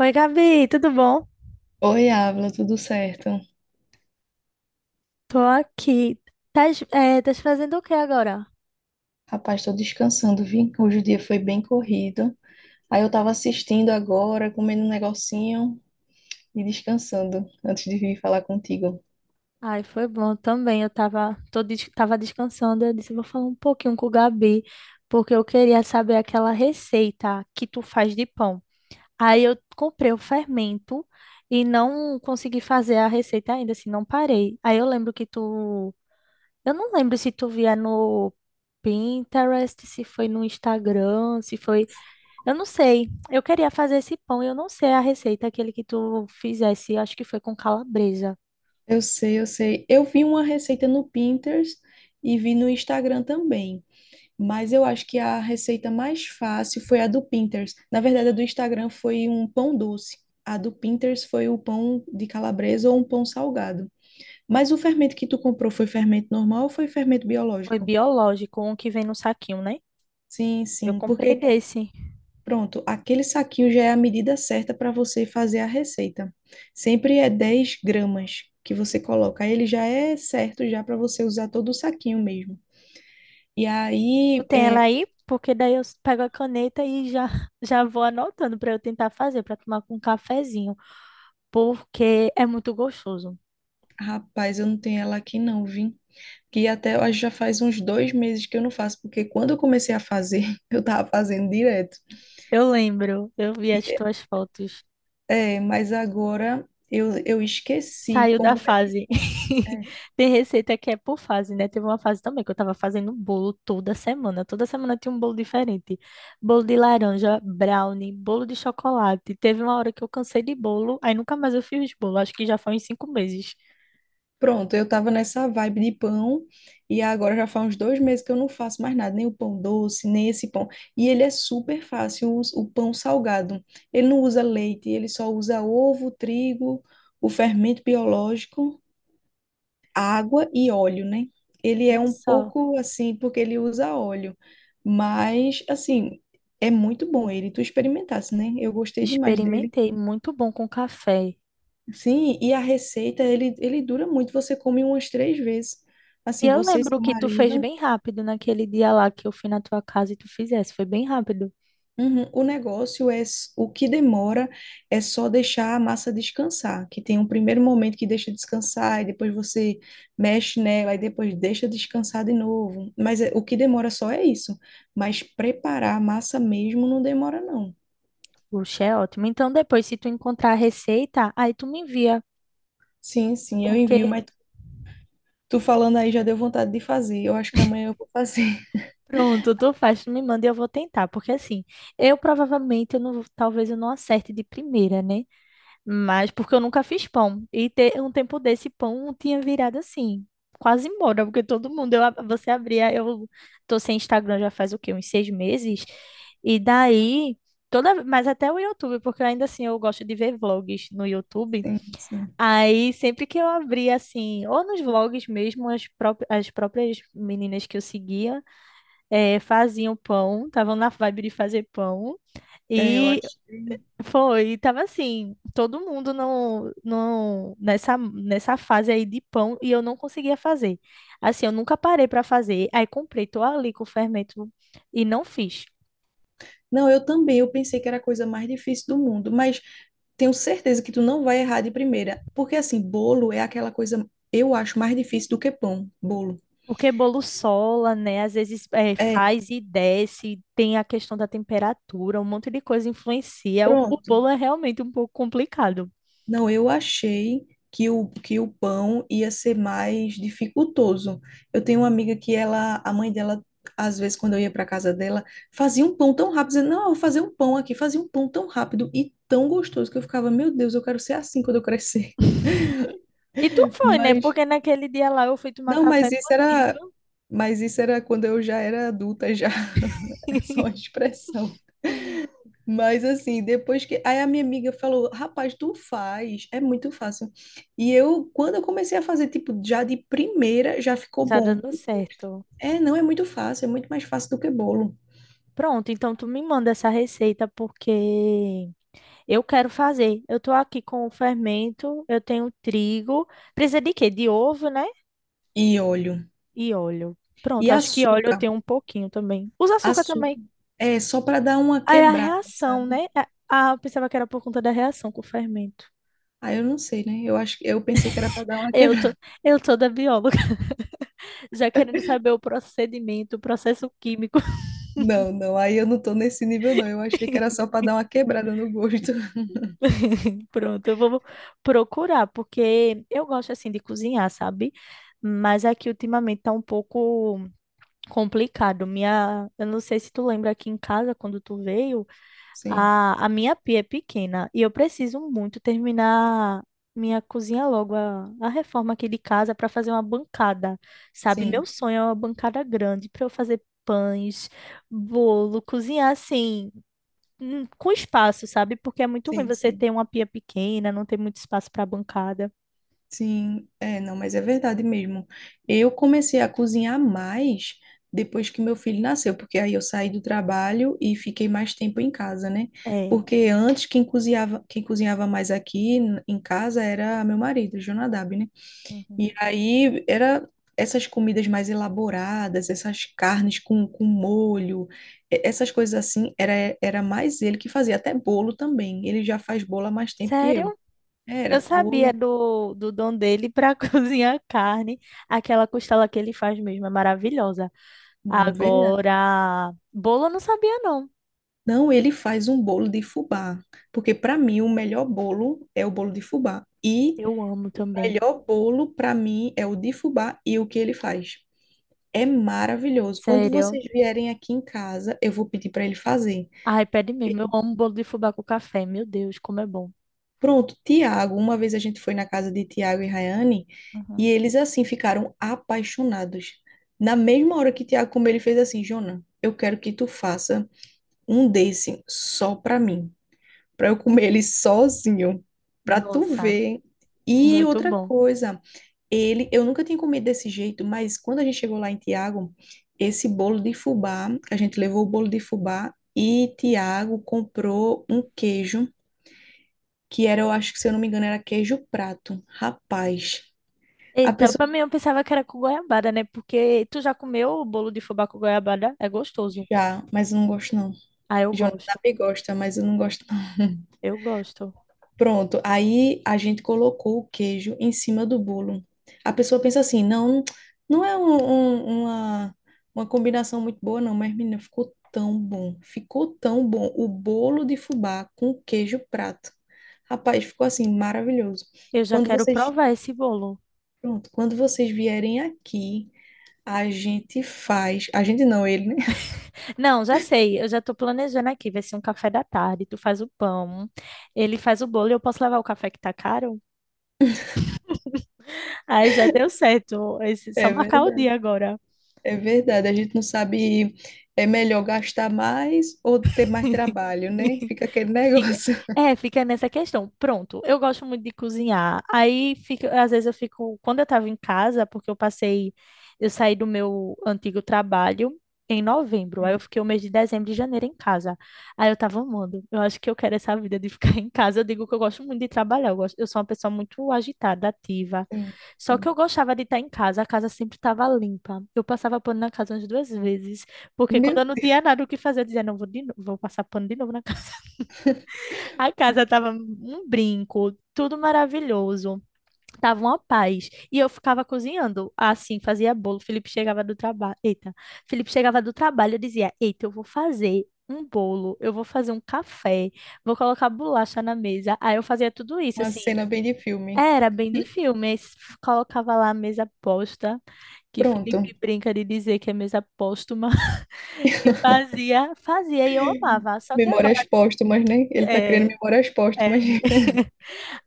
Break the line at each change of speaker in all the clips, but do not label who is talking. Oi, Gabi, tudo bom?
Oi, Ávila, tudo certo?
Tô aqui. Tás fazendo o que agora?
Rapaz, tô descansando, vi? Hoje o dia foi bem corrido. Aí eu tava assistindo agora, comendo um negocinho e descansando antes de vir falar contigo.
Ai, foi bom também. Eu tava descansando. Eu disse, vou falar um pouquinho com o Gabi, porque eu queria saber aquela receita que tu faz de pão. Aí eu comprei o fermento e não consegui fazer a receita ainda, assim, não parei. Aí eu lembro que tu. Eu não lembro se tu via no Pinterest, se foi no Instagram, se foi. Eu não sei. Eu queria fazer esse pão e eu não sei a receita, aquele que tu fizesse. Acho que foi com calabresa.
Eu sei, eu sei. Eu vi uma receita no Pinterest e vi no Instagram também, mas eu acho que a receita mais fácil foi a do Pinterest. Na verdade, a do Instagram foi um pão doce. A do Pinterest foi o pão de calabresa ou um pão salgado. Mas o fermento que tu comprou foi fermento normal ou foi fermento
Foi
biológico?
biológico, um que vem no saquinho, né?
Sim,
Eu
sim,
comprei
porque
desse.
pronto, aquele saquinho já é a medida certa para você fazer a receita. Sempre é 10 gramas que você coloca, aí ele já é certo já para você usar todo o saquinho mesmo. E
Tu
aí,
tem ela aí? Porque daí eu pego a caneta e já, já vou anotando para eu tentar fazer, para tomar com um cafezinho. Porque é muito gostoso.
rapaz, eu não tenho ela aqui não, vi. Que até eu acho que já faz uns 2 meses que eu não faço, porque quando eu comecei a fazer, eu tava fazendo direto.
Eu lembro, eu vi as
E,
tuas fotos.
mas agora eu esqueci
Saiu da
como é que
fase.
é.
Tem receita que é por fase, né? Teve uma fase também que eu tava fazendo bolo toda semana. Toda semana tinha um bolo diferente. Bolo de laranja, brownie, bolo de chocolate. Teve uma hora que eu cansei de bolo, aí nunca mais eu fiz bolo. Acho que já foi uns 5 meses.
Pronto, eu tava nessa vibe de pão e agora já faz uns 2 meses que eu não faço mais nada, nem o pão doce, nem esse pão. E ele é super fácil, o pão salgado. Ele não usa leite, ele só usa ovo, trigo, o fermento biológico, água e óleo, né? Ele é
Vê
um
só.
pouco assim, porque ele usa óleo, mas assim, é muito bom ele. Tu experimentasse, né? Eu gostei demais dele.
Experimentei, muito bom com café.
Sim, e a receita, ele dura muito, você come umas 3 vezes.
E
Assim,
eu
você e
lembro
seu
que tu fez
marido,
bem rápido naquele dia lá que eu fui na tua casa e tu fizesse. Foi bem rápido.
uhum, o negócio é, o que demora é só deixar a massa descansar, que tem um primeiro momento que deixa descansar, e depois você mexe nela, e depois deixa descansar de novo. Mas o que demora só é isso. Mas preparar a massa mesmo não demora, não.
Puxa, é ótimo. Então, depois, se tu encontrar a receita, aí tu me envia.
Sim, sim, eu envio,
Porque.
mas tu falando aí já deu vontade de fazer. Eu acho que amanhã eu vou fazer.
Pronto, tu faz, tu me manda e eu vou tentar, porque assim, eu provavelmente, eu não, talvez eu não acerte de primeira, né? Mas porque eu nunca fiz pão, e ter um tempo desse pão tinha virado assim, quase embora, porque todo mundo, eu, você abria, eu tô sem Instagram já faz o quê, uns 6 meses? E daí, toda, mas até o YouTube, porque ainda assim eu gosto de ver vlogs no YouTube.
Sim, sim.
Aí, sempre que eu abria, assim, ou nos vlogs mesmo, as próprias meninas que eu seguia é, faziam pão, estavam na vibe de fazer pão,
É, eu
e
acho.
foi, tava assim, todo mundo no, nessa fase aí de pão, e eu não conseguia fazer. Assim, eu nunca parei para fazer, aí comprei, tô ali com o fermento e não fiz.
Não, eu também, eu pensei que era a coisa mais difícil do mundo, mas tenho certeza que tu não vai errar de primeira, porque assim, bolo é aquela coisa, eu acho mais difícil do que pão, bolo.
Porque bolo sola, né? Às vezes é,
É,
faz e desce, tem a questão da temperatura, um monte de coisa influencia. O
pronto.
bolo é realmente um pouco complicado.
Não, eu achei que que o pão ia ser mais dificultoso. Eu tenho uma amiga que ela, a mãe dela, às vezes quando eu ia para casa dela, fazia um pão tão rápido, dizendo, não, eu vou fazer um pão aqui, fazia um pão tão rápido e tão gostoso que eu ficava, meu Deus, eu quero ser assim quando eu crescer.
E tu foi, né?
Mas
Porque naquele dia lá eu fui tomar
Não,
café
mas isso era,
contigo.
mas isso era quando eu já era adulta já. É só uma expressão.
Hum.
Mas assim, depois que aí a minha amiga falou, rapaz, tu faz, é muito fácil. E eu, quando eu comecei a fazer, tipo, já de primeira, já ficou
Tá
bom.
dando certo.
É, não é muito fácil, é muito mais fácil do que bolo.
Pronto, então tu me manda essa receita porque eu quero fazer. Eu tô aqui com o fermento, eu tenho trigo. Precisa de quê? De ovo, né?
E óleo.
E óleo.
E
Pronto, acho que óleo eu
açúcar.
tenho um pouquinho também. Usa açúcar também.
Açúcar. É só para dar uma
Aí a
quebrada,
reação,
sabe?
né? Ah, eu pensava que era por conta da reação com o fermento.
Ah, eu não sei, né? Eu acho que eu pensei que era para dar uma
Eu tô, eu tô da bióloga, já querendo saber o procedimento, o processo químico.
Não, não, aí eu não tô nesse nível, não. Eu achei que era só pra dar uma quebrada no gosto.
Pronto, eu vou procurar, porque eu gosto assim de cozinhar, sabe? Mas aqui ultimamente tá um pouco complicado. Minha, eu não sei se tu lembra aqui em casa quando tu veio,
Sim,
a minha pia é pequena e eu preciso muito terminar minha cozinha logo, a reforma aqui de casa para fazer uma bancada, sabe? Meu
sim,
sonho é uma bancada grande para eu fazer pães, bolo, cozinhar assim com espaço, sabe? Porque é muito ruim
sim,
você
sim.
ter uma pia pequena, não ter muito espaço para bancada.
Sim, é, não, mas é verdade mesmo. Eu comecei a cozinhar mais depois que meu filho nasceu, porque aí eu saí do trabalho e fiquei mais tempo em casa, né?
É.
Porque antes quem cozinhava mais aqui em casa era meu marido, Jonadab, né?
Uhum.
E aí era essas comidas mais elaboradas, essas carnes com molho, essas coisas assim, era mais ele que fazia, até bolo também. Ele já faz bolo há mais tempo que eu.
Sério? Eu
Era
sabia
bolo,
do dom dele para cozinhar carne. Aquela costela que ele faz mesmo é maravilhosa.
verdade.
Agora, bolo eu não sabia, não.
Não, ele faz um bolo de fubá, porque para mim o melhor bolo é o bolo de fubá. E
Eu amo
o
também.
melhor bolo para mim é o de fubá e o que ele faz. É maravilhoso. Quando
Sério.
vocês vierem aqui em casa, eu vou pedir para ele fazer.
Ai, pede mesmo. Eu amo bolo de fubá com café. Meu Deus, como é bom.
Pronto, Tiago, uma vez a gente foi na casa de Tiago e Rayane
Uhum.
e eles assim ficaram apaixonados. Na mesma hora que Tiago comeu, ele fez assim, Jona, eu quero que tu faça um desse só pra mim, pra eu comer ele sozinho, pra tu
Nossa,
ver. E
muito
outra
bom.
coisa, eu nunca tinha comido desse jeito, mas quando a gente chegou lá em Tiago, esse bolo de fubá, a gente levou o bolo de fubá e Tiago comprou um queijo que era, eu acho que se eu não me engano, era queijo prato. Rapaz, a
Eita,
pessoa
pra mim eu pensava que era com goiabada, né? Porque tu já comeu o bolo de fubá com goiabada? É gostoso.
já, mas eu não gosto não.
Ah, eu
Jonathan
gosto.
me gosta, mas eu não gosto não.
Eu gosto.
Pronto, aí a gente colocou o queijo em cima do bolo. A pessoa pensa assim, não, não é uma combinação muito boa não, mas menina, ficou tão bom, ficou tão bom. O bolo de fubá com queijo prato. Rapaz, ficou assim, maravilhoso.
Eu já
Quando
quero
vocês,
provar esse bolo.
pronto, quando vocês vierem aqui, a gente faz. A gente não, ele, né?
Não, já sei. Eu já tô planejando aqui. Vai ser um café da tarde. Tu faz o pão, ele faz o bolo e eu posso levar o café que tá caro? Aí já deu certo. Esse- só
É
marcar o
verdade.
dia agora.
É verdade. A gente não sabe. É melhor gastar mais ou ter mais trabalho, né? Fica aquele
Fica-
negócio.
é, fica nessa questão. Pronto, eu gosto muito de cozinhar. Aí, fica, às vezes eu fico, quando eu estava em casa, porque eu passei, eu saí do meu antigo trabalho em novembro. Aí eu
Sim,
fiquei o mês de dezembro e janeiro em casa. Aí eu tava amando. Eu acho que eu quero essa vida de ficar em casa. Eu digo que eu gosto muito de trabalhar. Eu gosto, eu sou uma pessoa muito agitada, ativa.
sim,
Só que eu
sim.
gostava de estar em casa. A casa sempre estava limpa. Eu passava pano na casa umas 2 vezes, porque quando eu
Meu
não
Deus,
tinha nada o que fazer, eu dizia, não, vou de novo, vou passar pano de novo na casa. A casa tava um brinco, tudo maravilhoso, tava uma paz. E eu ficava cozinhando, assim, fazia bolo. Felipe chegava do trabalho, eu dizia, eita, eu vou fazer um bolo, eu vou fazer um café, vou colocar bolacha na mesa. Aí eu fazia tudo isso,
uma
assim.
cena bem de filme.
Era bem de filme, colocava lá a mesa posta, que
Pronto.
Felipe brinca de dizer que é mesa póstuma, e fazia, fazia e eu amava. Só que
Memórias
agora,
póstumas, né? Ele tá criando
é,
memórias póstumas.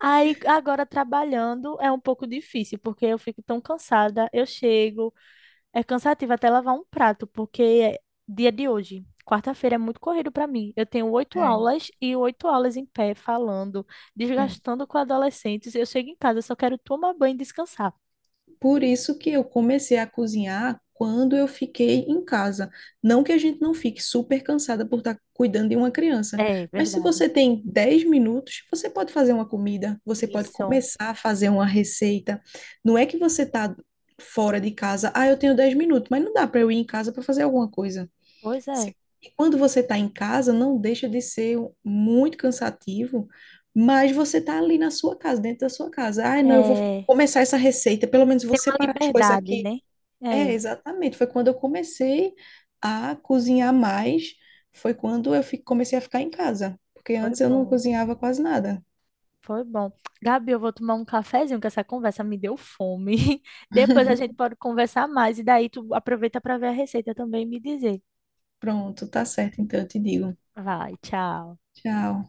aí agora trabalhando é um pouco difícil, porque eu fico tão cansada. Eu chego, é cansativo até lavar um prato, porque é dia de hoje, quarta-feira, é muito corrido para mim. Eu tenho oito
É,
aulas e 8 aulas em pé, falando,
é.
desgastando com adolescentes. Eu chego em casa, eu só quero tomar banho e descansar.
Por isso que eu comecei a cozinhar quando eu fiquei em casa. Não que a gente não fique super cansada por estar cuidando de uma criança,
É
mas se
verdade.
você tem 10 minutos, você pode fazer uma comida, você pode
Isso,
começar a fazer uma receita. Não é que você está fora de casa, ah, eu tenho 10 minutos, mas não dá para eu ir em casa para fazer alguma coisa.
pois é.
Se- E quando você está em casa, não deixa de ser muito cansativo, mas você está ali na sua casa, dentro da sua casa. Ah, não, eu vou
É,
começar essa receita, pelo menos vou
tem uma
separar as coisas
liberdade,
aqui.
né?
É,
É,
exatamente. Foi quando eu comecei a cozinhar mais, foi quando eu comecei a ficar em casa, porque
foi
antes eu não
bom.
cozinhava quase nada.
Foi bom. Gabi, eu vou tomar um cafezinho, que essa conversa me deu fome. Depois a gente pode conversar mais e daí tu aproveita para ver a receita também e me dizer.
Pronto, tá certo, então eu te digo.
Vai, tchau.
Tchau.